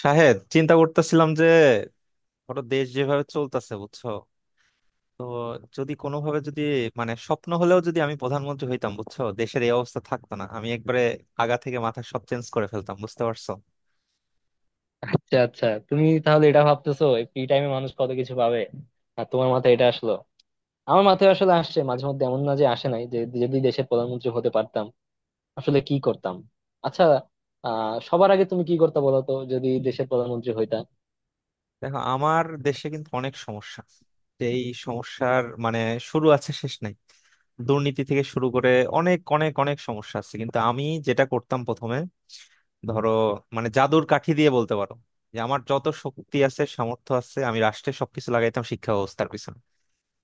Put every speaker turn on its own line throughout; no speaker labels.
শাহেদ, চিন্তা করতেছিলাম যে ধরো দেশ যেভাবে চলতেছে, বুঝছো? তো যদি কোনোভাবে যদি মানে স্বপ্ন হলেও, যদি আমি প্রধানমন্ত্রী হইতাম, বুঝছো দেশের এই অবস্থা থাকতো না। আমি একবারে আগা থেকে মাথা সব চেঞ্জ করে ফেলতাম, বুঝতে পারছো।
আচ্ছা, আচ্ছা, তুমি তাহলে এটা ভাবতেছো। ফ্রি টাইমে মানুষ কত কিছু পাবে, আর তোমার মাথায় এটা আসলো? আমার মাথায় আসলে আসছে, মাঝে মধ্যে, এমন না যে আসে নাই, যে যদি দেশের প্রধানমন্ত্রী হতে পারতাম আসলে কি করতাম। আচ্ছা, সবার আগে তুমি কি করতে বলো তো, যদি দেশের প্রধানমন্ত্রী হইতা।
দেখো, আমার দেশে কিন্তু অনেক সমস্যা। এই সমস্যার মানে শুরু আছে শেষ নাই। দুর্নীতি থেকে শুরু করে অনেক অনেক অনেক সমস্যা আছে, কিন্তু আমি যেটা করতাম প্রথমে, ধরো মানে জাদুর কাঠি দিয়ে বলতে পারো, যে আমার যত শক্তি আছে, সামর্থ্য আছে, আমি রাষ্ট্রের সবকিছু লাগাইতাম শিক্ষা ব্যবস্থার পিছনে।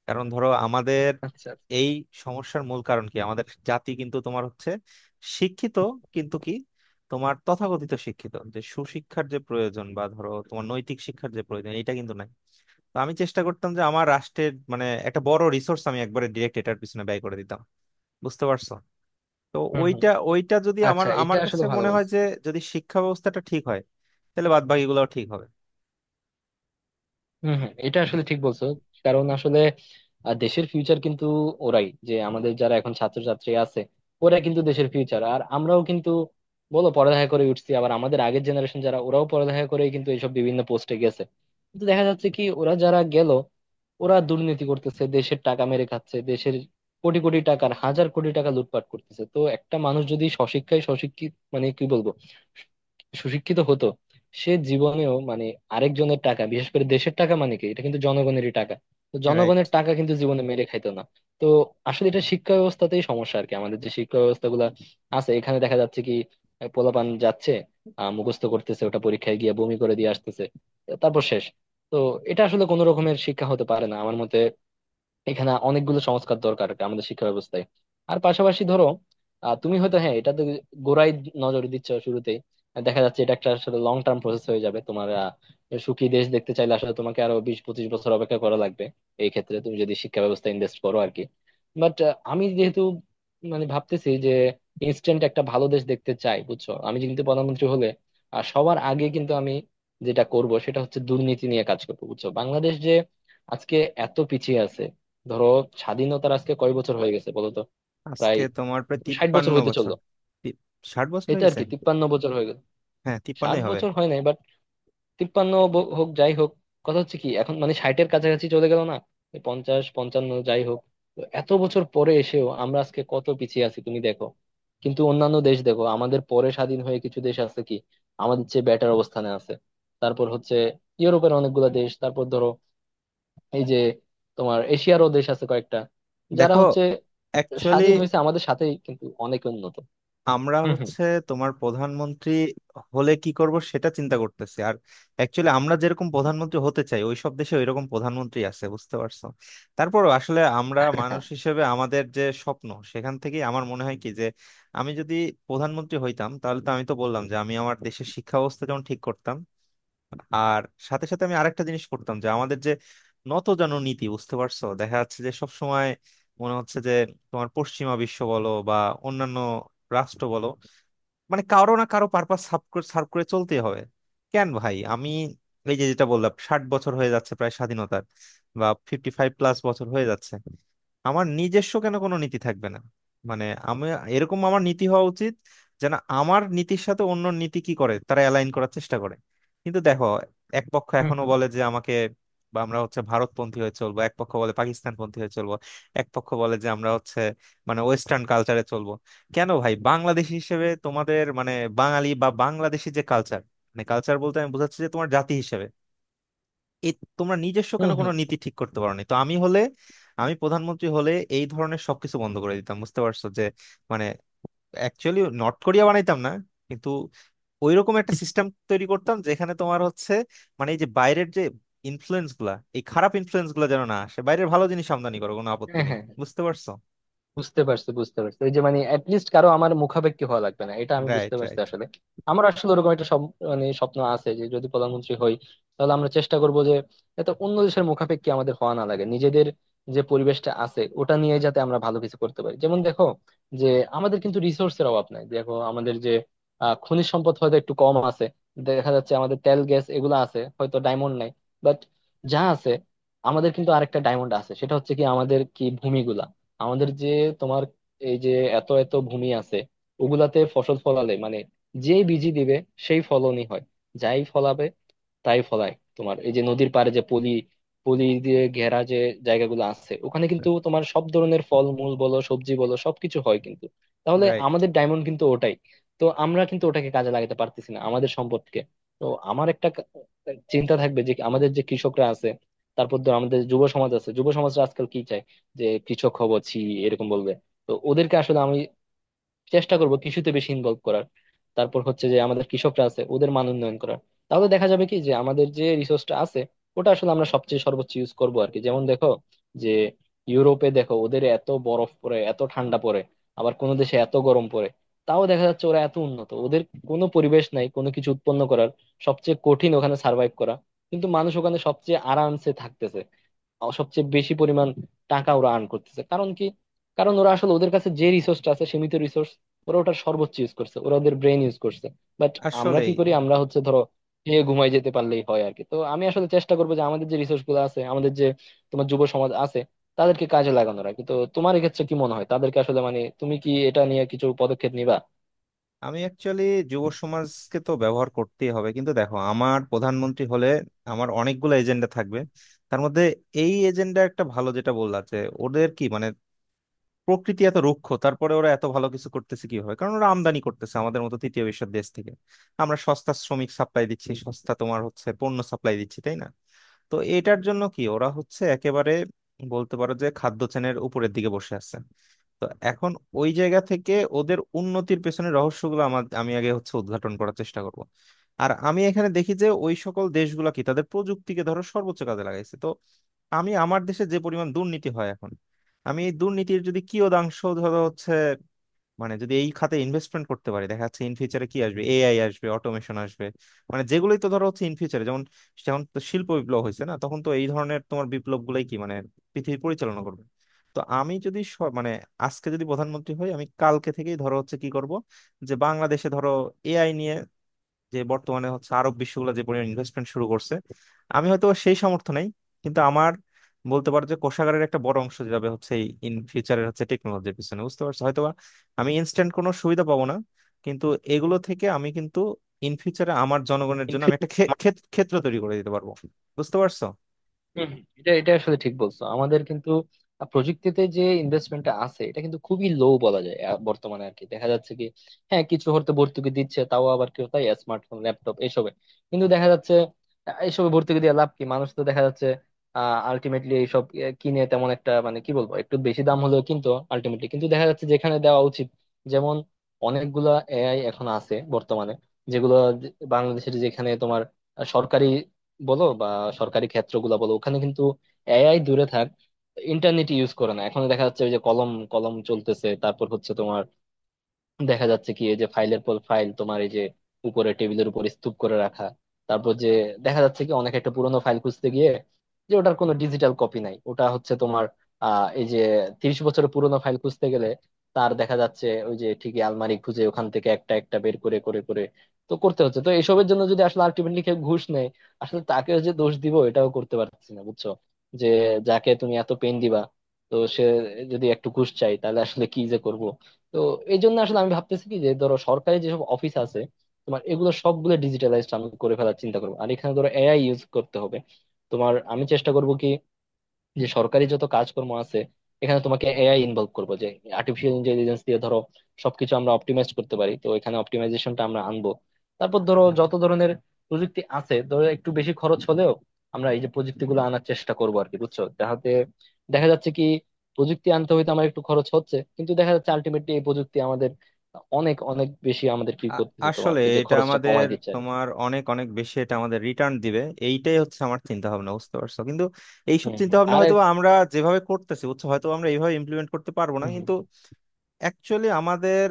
কারণ ধরো আমাদের
আচ্ছা, আচ্ছা।
এই সমস্যার মূল কারণ কি, আমাদের জাতি কিন্তু তোমার হচ্ছে শিক্ষিত, কিন্তু কি, তোমার তথাকথিত শিক্ষিত। যে সুশিক্ষার যে প্রয়োজন বা ধরো তোমার নৈতিক শিক্ষার যে প্রয়োজন, এটা কিন্তু নাই। তো আমি চেষ্টা করতাম যে আমার রাষ্ট্রের মানে একটা বড় রিসোর্স আমি একবারে ডিরেক্ট এটার পিছনে ব্যয় করে দিতাম, বুঝতে পারছো। তো
হম হম।
ওইটা ওইটা যদি আমার
আচ্ছা, এটা
আমার
আসলে
কাছে
ভালো
মনে হয়
বলছো।
যে যদি শিক্ষা ব্যবস্থাটা ঠিক হয়, তাহলে বাদ বাকিগুলোও ঠিক হবে।
হম হম, এটা আসলে ঠিক বলছো। কারণ আসলে দেশের ফিউচার কিন্তু ওরাই, যে আমাদের যারা এখন ছাত্রছাত্রী আছে ওরা কিন্তু দেশের ফিউচার। আর আমরাও কিন্তু, বলো, পড়ালেখা করে উঠছি, আবার আমাদের আগের জেনারেশন যারা ওরাও পড়ালেখা করে কিন্তু এইসব বিভিন্ন পোস্টে গেছে। কিন্তু দেখা যাচ্ছে কি, ওরা যারা গেল, ওরা দুর্নীতি করতেছে, দেশের টাকা মেরে খাচ্ছে, দেশের কোটি কোটি টাকার, হাজার কোটি টাকা লুটপাট করতেছে। তো একটা মানুষ যদি সশিক্ষায় সশিক্ষিত, মানে কি বলবো, সুশিক্ষিত হতো, সে জীবনেও মানে আরেকজনের টাকা, বিশেষ করে দেশের টাকা, মানে কি, এটা কিন্তু জনগণেরই টাকা। তো
রাইট।
জনগণের টাকা কিন্তু জীবনে মেরে খাইতো না। তো আসলে এটা শিক্ষা ব্যবস্থাতেই সমস্যা আর কি। আমাদের যে শিক্ষা ব্যবস্থা গুলা আছে, এখানে দেখা যাচ্ছে কি পোলাপান যাচ্ছে, মুখস্থ করতেছে, ওটা পরীক্ষায় গিয়ে বমি করে দিয়ে আসতেছে, তারপর শেষ। তো এটা আসলে কোনো রকমের শিক্ষা হতে পারে না আমার মতে। এখানে অনেকগুলো সংস্কার দরকার আর কি, আমাদের শিক্ষা ব্যবস্থায়। আর পাশাপাশি ধরো তুমি হয়তো, হ্যাঁ, এটা তো গোড়ায় নজর দিচ্ছ শুরুতেই। দেখা যাচ্ছে এটা একটা আসলে লং টার্ম প্রসেস হয়ে যাবে তোমার। সুখী দেশ দেখতে চাইলে আসলে তোমাকে আরো 20-25 বছর অপেক্ষা করা লাগবে এই ক্ষেত্রে, তুমি যদি শিক্ষা ব্যবস্থা ইনভেস্ট করো আর কি। বাট আমি যেহেতু মানে ভাবতেছি যে ইনস্ট্যান্ট একটা ভালো দেশ দেখতে চাই, বুঝছো, আমি কিন্তু প্রধানমন্ত্রী হলে। আর সবার আগে কিন্তু আমি যেটা করব সেটা হচ্ছে দুর্নীতি নিয়ে কাজ করবো, বুঝছো। বাংলাদেশ যে আজকে এত পিছিয়ে আছে, ধরো, স্বাধীনতার আজকে কয় বছর হয়ে গেছে বলতো। প্রায়
আজকে তোমার প্রায়
60 বছর
তিপ্পান্ন
হইতে
বছর
চললো।
তি- 60 বছর
এই
হয়ে
তো আর
গেছে।
কি, 53 বছর হয়ে গেল।
হ্যাঁ,
ষাট
তিপ্পান্নই হবে।
বছর হয় নাই, বাট তিপ্পান্ন হোক, যাই হোক। কথা হচ্ছে কি, এখন মানে ষাটের কাছাকাছি চলে গেল না, এই 50-55, যাই হোক। তো এত বছর পরে এসেও আমরা আজকে কত পিছিয়ে আছি, তুমি দেখো। কিন্তু অন্যান্য দেশ দেখো, আমাদের পরে স্বাধীন হয়ে কিছু দেশ আছে কি আমাদের চেয়ে বেটার অবস্থানে আছে। তারপর হচ্ছে ইউরোপের অনেকগুলা দেশ, তারপর ধরো এই যে তোমার এশিয়ারও দেশ আছে কয়েকটা যারা
দেখো,
হচ্ছে
অ্যাকচুয়ালি
স্বাধীন হয়েছে আমাদের সাথেই, কিন্তু অনেক উন্নত।
আমরা
হম হম।
হচ্ছে তোমার প্রধানমন্ত্রী হলে কি করব সেটা চিন্তা করতেছি। আর অ্যাকচুয়ালি আমরা যেরকম প্রধানমন্ত্রী হতে চাই, ওইসব দেশে ওইরকম প্রধানমন্ত্রী আছে, বুঝতে পারছো। তারপর আসলে আমরা মানুষ
হ্যাঁ।
হিসেবে আমাদের যে স্বপ্ন সেখান থেকে আমার মনে হয় কি যে আমি যদি প্রধানমন্ত্রী হইতাম, তাহলে তো আমি তো বললাম যে আমি আমার দেশের শিক্ষা ব্যবস্থা যেমন ঠিক করতাম। আর সাথে সাথে আমি আরেকটা জিনিস করতাম যে আমাদের যে নতজানু নীতি, বুঝতে পারছো, দেখা যাচ্ছে যে সব সময় মনে হচ্ছে যে তোমার পশ্চিমা বিশ্ব বলো বা অন্যান্য রাষ্ট্র বলো, মানে কারো না কারো পারপাস সার্ভ করে serve করে চলতে হবে। কেন ভাই, আমি এই যে যেটা বললাম, 60 বছর হয়ে যাচ্ছে প্রায় স্বাধীনতার, বা 55+ বছর হয়ে যাচ্ছে, আমার নিজস্ব কেন কোনো নীতি থাকবে না? মানে আমি, এরকম আমার নীতি হওয়া উচিত যেন আমার নীতির সাথে অন্য নীতি কি করে তারা অ্যালাইন করার চেষ্টা করে। কিন্তু দেখো, এক পক্ষ
হুম
এখনো
হুম।
বলে যে আমাকে বা আমরা হচ্ছে ভারতপন্থী হয়ে চলবো, এক পক্ষ বলে পাকিস্তানপন্থী হয়ে চলবো, এক পক্ষ বলে যে আমরা হচ্ছে মানে ওয়েস্টার্ন কালচারে চলবো। কেন ভাই, বাংলাদেশী হিসেবে তোমাদের মানে বাঙালি বা বাংলাদেশী যে কালচার, মানে কালচার বলতে আমি বোঝাচ্ছি যে তোমার জাতি হিসেবে, এ, তোমরা নিজস্ব কেন
হম
কোনো
হম।
নীতি ঠিক করতে পারোনি? তো আমি হলে, আমি প্রধানমন্ত্রী হলে এই ধরনের সবকিছু বন্ধ করে দিতাম, বুঝতে পারছো। যে মানে অ্যাকচুয়ালি নর্থ কোরিয়া বানাইতাম না, কিন্তু ওইরকম একটা সিস্টেম তৈরি করতাম যেখানে তোমার হচ্ছে মানে এই যে বাইরের যে ইনফ্লুয়েন্স গুলা, এই খারাপ ইনফ্লুয়েন্স গুলা যেন না আসে, বাইরের ভালো জিনিস আমদানি করো, কোনো আপত্তি
হ্যাঁ
নেই,
হ্যাঁ,
বুঝতে পারছো।
বুঝতে পারছি, বুঝতে পারছি, ওই যে মানে অ্যাটলিস্ট কারো, আমার মুখাপেক্ষী হওয়া লাগবে না, এটা আমি বুঝতে
রাইট,
পারছি
রাইট,
আসলে। আমার আসলে ওরকম একটা মানে স্বপ্ন আছে যে যদি প্রধানমন্ত্রী হই, তাহলে আমরা চেষ্টা করব যে এত অন্য দেশের মুখাপেক্ষী আমাদের হওয়া না লাগে। নিজেদের যে পরিবেশটা আছে ওটা নিয়ে যাতে আমরা ভালো কিছু করতে পারি। যেমন দেখো যে আমাদের কিন্তু রিসোর্সের অভাব নাই। দেখো আমাদের যে খনিজ সম্পদ হয়তো একটু কম আছে, দেখা যাচ্ছে আমাদের তেল গ্যাস এগুলো আছে, হয়তো ডায়মন্ড নাই। বাট যা আছে, আমাদের কিন্তু আরেকটা ডায়মন্ড আছে, সেটা হচ্ছে কি আমাদের কি ভূমিগুলা। আমাদের যে তোমার এই যে এত এত ভূমি আছে, ওগুলাতে ফসল ফলালে মানে যেই বীজই দিবে, সেই ফলনই হয়, যাই ফলাবে তাই ফলায়। তোমার এই যে নদীর পাড়ে যে পলি, পলি দিয়ে ঘেরা যে জায়গাগুলো আছে, ওখানে কিন্তু তোমার সব ধরনের ফল মূল বলো, সবজি বলো, সবকিছু হয় কিন্তু। তাহলে
রাইট।
আমাদের ডায়মন্ড কিন্তু ওটাই। তো আমরা কিন্তু ওটাকে কাজে লাগাতে পারতেছি না, আমাদের সম্পদকে। তো আমার একটা চিন্তা থাকবে যে আমাদের যে কৃষকরা আছে, তারপর ধর আমাদের যুব সমাজ আছে, যুব সমাজরা আজকাল কি চায় যে কৃষক হব? ছি, এরকম বলবে। তো ওদেরকে আসলে আমি চেষ্টা করব কৃষিতে বেশি ইনভলভ করার। তারপর হচ্ছে যে আমাদের কৃষকরা আছে ওদের মান উন্নয়ন করার। তাহলে দেখা যাবে কি যে আমাদের যে রিসোর্সটা আছে ওটা আসলে আমরা সবচেয়ে সর্বোচ্চ ইউজ করবো আর কি। যেমন দেখো যে ইউরোপে দেখো, ওদের এত বরফ পড়ে, এত ঠান্ডা পড়ে, আবার কোনো দেশে এত গরম পড়ে, তাও দেখা যাচ্ছে ওরা এত উন্নত। ওদের কোনো পরিবেশ নাই কোনো কিছু উৎপন্ন করার, সবচেয়ে কঠিন ওখানে সার্ভাইভ করা, কিন্তু মানুষ ওখানে সবচেয়ে আরামসে থাকতেছে। সবচেয়ে বেশি পরিমাণ টাকা ওরা আর্ন করতেছে, কারণ কি? কারণ ওরা আসলে ওদের কাছে যে রিসোর্সটা আছে, সীমিত রিসোর্স, ওরা ওটার সর্বোচ্চ ইউজ করছে, ওরা ওদের ব্রেন ইউজ করছে। বাট আমরা কি
আসলেই।
করি? আমরা হচ্ছে ধরো খেয়ে ঘুমাই যেতে পারলেই হয় আর কি। তো আমি আসলে চেষ্টা করবো যে আমাদের যে রিসোর্স গুলো আছে, আমাদের যে তোমার যুব সমাজ আছে, তাদেরকে কাজে লাগানোর আর কি। তো তোমার এক্ষেত্রে কি মনে হয়, তাদেরকে আসলে মানে তুমি কি এটা নিয়ে কিছু পদক্ষেপ নিবা?
আমি অ্যাকচুয়ালি যুব সমাজকে তো ব্যবহার করতেই হবে, কিন্তু দেখো আমার প্রধানমন্ত্রী হলে আমার অনেকগুলো এজেন্ডা থাকবে। তার মধ্যে এই এজেন্ডা একটা ভালো যেটা বললা যে ওদের কি মানে প্রকৃতি এত রুক্ষ, তারপরে ওরা এত ভালো কিছু করতেছে কিভাবে? কারণ ওরা আমদানি করতেছে আমাদের মতো তৃতীয় বিশ্বের দেশ থেকে। আমরা সস্তা শ্রমিক সাপ্লাই দিচ্ছি, সস্তা তোমার হচ্ছে পণ্য সাপ্লাই দিচ্ছি, তাই না? তো এটার জন্য কি ওরা হচ্ছে একেবারে বলতে পারো যে খাদ্য চেনের উপরের দিকে বসে আছে। তো এখন ওই জায়গা থেকে ওদের উন্নতির পেছনে রহস্যগুলো আমার, আমি আগে হচ্ছে উদ্ঘাটন করার চেষ্টা করব। আর আমি এখানে দেখি যে ওই সকল দেশগুলো কি তাদের প্রযুক্তিকে ধরো সর্বোচ্চ কাজে লাগাইছে। তো আমি আমার দেশে যে পরিমাণ দুর্নীতি হয় এখন, আমি এই দুর্নীতির যদি কিয়দাংশ ধরো হচ্ছে মানে যদি এই খাতে ইনভেস্টমেন্ট করতে পারি, দেখা যাচ্ছে ইন ফিউচারে কি আসবে, এআই আসবে, অটোমেশন আসবে, মানে যেগুলোই তো ধরো হচ্ছে ইন ফিউচারে, যেমন যেমন তো শিল্প বিপ্লব হয়েছে না, তখন তো এই ধরনের তোমার বিপ্লব গুলাই কি মানে পৃথিবী পরিচালনা করবে। তো আমি যদি মানে আজকে যদি প্রধানমন্ত্রী হই, আমি কালকে থেকেই ধরো হচ্ছে কি করব, যে বাংলাদেশে ধরো এআই নিয়ে যে বর্তমানে হচ্ছে আরব বিশ্বগুলো যে পরিমাণ ইনভেস্টমেন্ট শুরু করছে, আমি হয়তো সেই সামর্থ্য নেই, কিন্তু আমার বলতে পারো যে কোষাগারের একটা বড় অংশ যাবে হচ্ছে এই ইন ফিউচারের হচ্ছে টেকনোলজির পিছনে, বুঝতে পারছো। হয়তোবা আমি ইনস্ট্যান্ট কোনো সুবিধা পাবো না, কিন্তু এগুলো থেকে আমি কিন্তু ইন ফিউচারে আমার জনগণের জন্য আমি
ইনফ্যাক্ট
একটা ক্ষেত্র তৈরি করে দিতে পারবো, বুঝতে পারছো।
হম হম, এটা এটা আসলে ঠিক বলছো, আমাদের কিন্তু প্রযুক্তিতে যে ইনভেস্টমেন্টটা আছে এটা কিন্তু খুবই লো বলা যায় বর্তমানে আর কি। দেখা যাচ্ছে কি, হ্যাঁ, কিছু হয়তো ভর্তুকি দিচ্ছে, তাও আবার কেউ তাই স্মার্টফোন, ল্যাপটপ এসবে। কিন্তু দেখা যাচ্ছে এসবে ভর্তুকি দিয়ে লাভ কি, মানুষ তো দেখা যাচ্ছে আলটিমেটলি এইসব কিনে তেমন একটা, মানে কি বলবো, একটু বেশি দাম হলেও কিন্তু আলটিমেটলি কিন্তু দেখা যাচ্ছে যেখানে দেওয়া উচিত, যেমন অনেকগুলা এআই এখন আছে বর্তমানে, যেগুলো বাংলাদেশের যেখানে তোমার সরকারি বলো বা সরকারি ক্ষেত্রগুলা বলো, ওখানে কিন্তু এআই দূরে থাক, ইন্টারনেট ইউজ করে না। এখন দেখা যাচ্ছে ওই যে কলম কলম চলতেছে, তারপর হচ্ছে তোমার দেখা যাচ্ছে কি এই যে ফাইলের পর ফাইল, তোমার এই যে উপরে টেবিলের উপর স্তূপ করে রাখা। তারপর যে দেখা যাচ্ছে কি অনেক একটা পুরোনো ফাইল খুঁজতে গিয়ে, যে ওটার কোনো ডিজিটাল কপি নাই, ওটা হচ্ছে তোমার এই যে 30 বছরের পুরোনো ফাইল খুঁজতে গেলে, তার দেখা যাচ্ছে ওই যে ঠিকই আলমারি খুঁজে ওখান থেকে একটা একটা বের করে করে করে তো করতে হচ্ছে। তো এইসবের জন্য যদি আসলে আলটিমেটলি কেউ ঘুষ নেয়, আসলে তাকে যে দোষ দিব এটাও করতে পারছি না, বুঝছো, যে যাকে তুমি এত পেন দিবা, তো সে যদি একটু ঘুষ চাই তাহলে আসলে কি যে করব। তো এই জন্য আসলে আমি ভাবতেছি কি যে ধরো সরকারি যেসব অফিস আছে তোমার, এগুলো সবগুলো ডিজিটালাইজড আমি করে ফেলার চিন্তা করবো। আর এখানে ধরো এআই ইউজ করতে হবে তোমার। আমি চেষ্টা করব কি যে সরকারি যত কাজকর্ম আছে এখানে তোমাকে এআই ইনভলভ করবো, যে আর্টিফিশিয়াল ইন্টেলিজেন্স দিয়ে ধরো সবকিছু আমরা অপটিমাইজ করতে পারি। তো এখানে অপটিমাইজেশনটা আমরা আনবো। তারপর ধরো যত ধরনের প্রযুক্তি আছে, ধরো একটু বেশি খরচ হলেও আমরা এই যে প্রযুক্তিগুলো আনার চেষ্টা করবো আর কি, বুঝছো, যাহাতে দেখা যাচ্ছে কি প্রযুক্তি আনতে হয়তো আমার একটু খরচ হচ্ছে, কিন্তু দেখা যাচ্ছে আলটিমেটলি এই প্রযুক্তি আমাদের অনেক অনেক বেশি আমাদের কি
আ-
করতেছে, তোমার
আসলে
এই যে
এটা
খরচটা
আমাদের,
কমাই দিচ্ছে আর কি।
তোমার অনেক অনেক বেশি এটা আমাদের রিটার্ন দিবে। এইটাই হচ্ছে আমার চিন্তা ভাবনা, বুঝতে পারছো, কিন্তু এইসব
হম
চিন্তা
হম।
ভাবনা
আর
হয়তো আমরা যেভাবে করতেছি, বুঝছো হয়তো আমরা এইভাবে ইমপ্লিমেন্ট করতে পারবো না,
হুম, হুম,
কিন্তু অ্যাকচুয়ালি আমাদের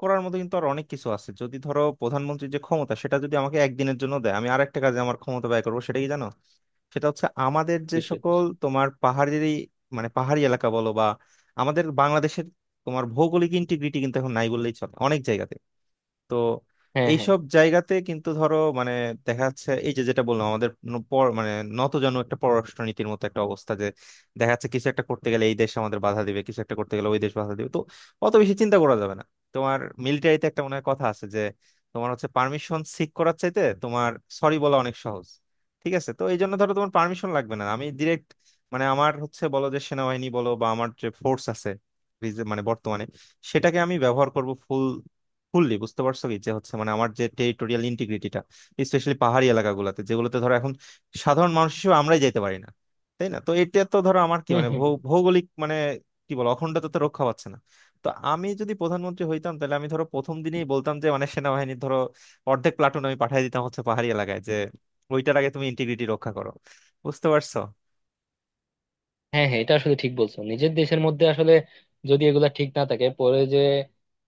করার মতো কিন্তু আর অনেক কিছু আছে। যদি ধরো প্রধানমন্ত্রীর যে ক্ষমতা সেটা যদি আমাকে একদিনের জন্য দেয়, আমি আরেকটা কাজে আমার ক্ষমতা ব্যয় করবো, সেটা কি জানো? সেটা হচ্ছে আমাদের যে
বিষয়
সকল
বিষয়।
তোমার পাহাড়ি, মানে পাহাড়ি এলাকা বলো বা আমাদের বাংলাদেশের তোমার ভৌগোলিক ইন্টিগ্রিটি কিন্তু এখন নাই বললেই চলে অনেক জায়গাতে। তো
হ্যাঁ হ্যাঁ।
এইসব জায়গাতে কিন্তু ধরো মানে দেখা যাচ্ছে এই যে যেটা বললাম, আমাদের মানে নতজানু একটা পররাষ্ট্রনীতির মতো একটা অবস্থা যে দেখা যাচ্ছে কিছু একটা করতে গেলে এই দেশ আমাদের বাধা দিবে, কিছু একটা করতে গেলে ওই দেশ বাধা দিবে। তো অত বেশি চিন্তা করা যাবে না। তোমার মিলিটারিতে একটা মনে হয় কথা আছে যে তোমার হচ্ছে পারমিশন সিক করার চাইতে তোমার সরি বলা অনেক সহজ। ঠিক আছে, তো এই জন্য ধরো তোমার পারমিশন লাগবে না, আমি ডিরেক্ট মানে আমার হচ্ছে বলো যে সেনাবাহিনী বলো বা আমার যে ফোর্স আছে মানে বর্তমানে, সেটাকে আমি ব্যবহার করব ফুল ফুললি, বুঝতে পারছো, কি যে হচ্ছে মানে আমার যে টেরিটোরিয়াল ইন্টিগ্রিটিটা স্পেশালি পাহাড়ি এলাকাগুলোতে যেগুলোতে ধরো এখন সাধারণ মানুষ হিসেবে আমরাই যেতে পারি না, তাই না? তো এটা তো ধরো আমার কি
হম
মানে
হম।
ভৌগোলিক মানে কি বল অখণ্ডতা তো রক্ষা পাচ্ছে না। তো আমি যদি প্রধানমন্ত্রী হইতাম তাহলে আমি ধরো প্রথম দিনেই বলতাম যে মানে সেনাবাহিনীর ধরো অর্ধেক প্লাটুন আমি পাঠিয়ে দিতাম হচ্ছে পাহাড়ি এলাকায়, যে ওইটার আগে তুমি ইন্টিগ্রিটি রক্ষা করো, বুঝতে পারছো।
হ্যাঁ হ্যাঁ, এটা আসলে ঠিক বলছো। নিজের দেশের মধ্যে আসলে যদি এগুলা ঠিক না থাকে পরে যে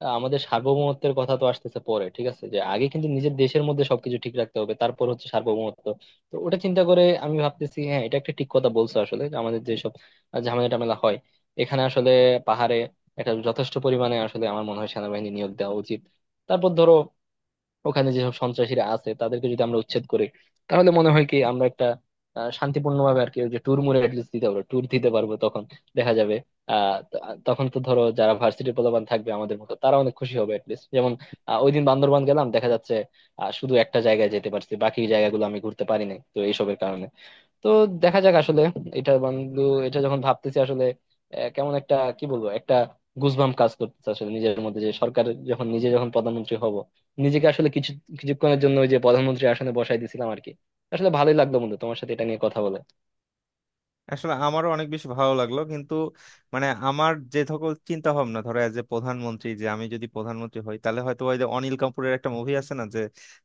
আমাদের সার্বভৌমত্বের কথা তো আসতেছে পরে, ঠিক আছে? যে আগে কিন্তু নিজের দেশের মধ্যে সবকিছু ঠিক রাখতে হবে, তারপর হচ্ছে সার্বভৌমত্ব। তো ওটা চিন্তা করে আমি ভাবতেছি, হ্যাঁ, এটা একটা ঠিক কথা বলছো আসলে, যে আমাদের যেসব ঝামেলা টামেলা হয় এখানে, আসলে পাহাড়ে একটা যথেষ্ট পরিমাণে আসলে আমার মনে হয় সেনাবাহিনী নিয়োগ দেওয়া উচিত। তারপর ধরো ওখানে যেসব সন্ত্রাসীরা আছে তাদেরকে যদি আমরা উচ্ছেদ করি, তাহলে মনে হয় কি আমরা একটা শান্তিপূর্ণভাবে আর কি ওই যে ট্যুর মুড়ে অ্যাটলিস্ট দিতে পারবো, ট্যুর দিতে পারবো তখন। দেখা যাবে আহ ত- তখন তো ধরো যারা ভার্সিটির পোলাপান থাকবে আমাদের মতো, তারা অনেক খুশি হবে অ্যাটলিস্ট। যেমন ওই দিন বান্দরবান গেলাম, দেখা যাচ্ছে শুধু একটা জায়গায় যেতে পারছি, বাকি জায়গাগুলো আমি ঘুরতে পারি নাই, তো এইসবের কারণে। তো দেখা যাক আসলে। এটা বন্ধু, এটা যখন ভাবতেছি আসলে কেমন একটা, কি বলবো, একটা গুজবাম কাজ করতেছে আসলে নিজের মধ্যে, যে সরকার যখন নিজে যখন প্রধানমন্ত্রী হব, নিজেকে আসলে কিছু কিছুক্ষণের জন্য ওই যে প্রধানমন্ত্রী আসনে বসাই দিছিলাম আর কি। আসলে ভালোই লাগলো বন্ধু তোমার সাথে এটা নিয়ে কথা বলে।
আসলে আমারও অনেক বেশি ভালো লাগলো, কিন্তু মানে আমার যে সকল চিন্তা ভাবনা ধরো এজ এ প্রধানমন্ত্রী, যে আমি যদি প্রধানমন্ত্রী হই, তাহলে হয়তো ওই যে অনিল কাপুরের একটা মুভি আছে না, যে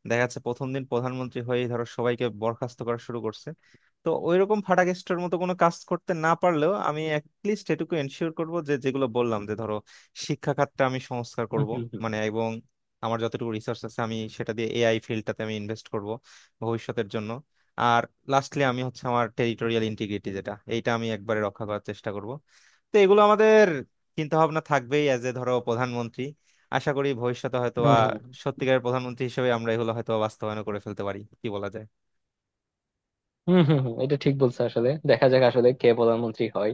দেখা যাচ্ছে প্রথম দিন প্রধানমন্ত্রী হয়ে ধরো সবাইকে বরখাস্ত করা শুরু করছে, তো ওইরকম ফাটাকেস্টের মতো কোনো কাজ করতে না পারলেও আমি অ্যাটলিস্ট এটুকু এনশিওর করব যে যেগুলো বললাম, যে ধরো শিক্ষা খাতটা আমি সংস্কার
হম
করব,
হম। হম
মানে, এবং আমার যতটুকু রিসার্চ আছে আমি সেটা দিয়ে এআই ফিল্ডটাতে আমি ইনভেস্ট করব ভবিষ্যতের জন্য। আর লাস্টলি আমি হচ্ছে আমার টেরিটোরিয়াল ইন্টিগ্রিটি যেটা, এইটা আমি একবারে রক্ষা করার চেষ্টা করব। তো এগুলো আমাদের চিন্তা ভাবনা থাকবেই অ্যাজ এ ধরো প্রধানমন্ত্রী। আশা করি ভবিষ্যতে হয়তো
হম।
বা
হম
সত্যিকারের প্রধানমন্ত্রী হিসেবে আমরা এগুলো হয়তো বা বাস্তবায়ন করে ফেলতে পারি, কি বলা যায়।
হম। হম, হম, এটা ঠিক বলছো আসলে। দেখা যাক আসলে কে প্রধানমন্ত্রী হয়।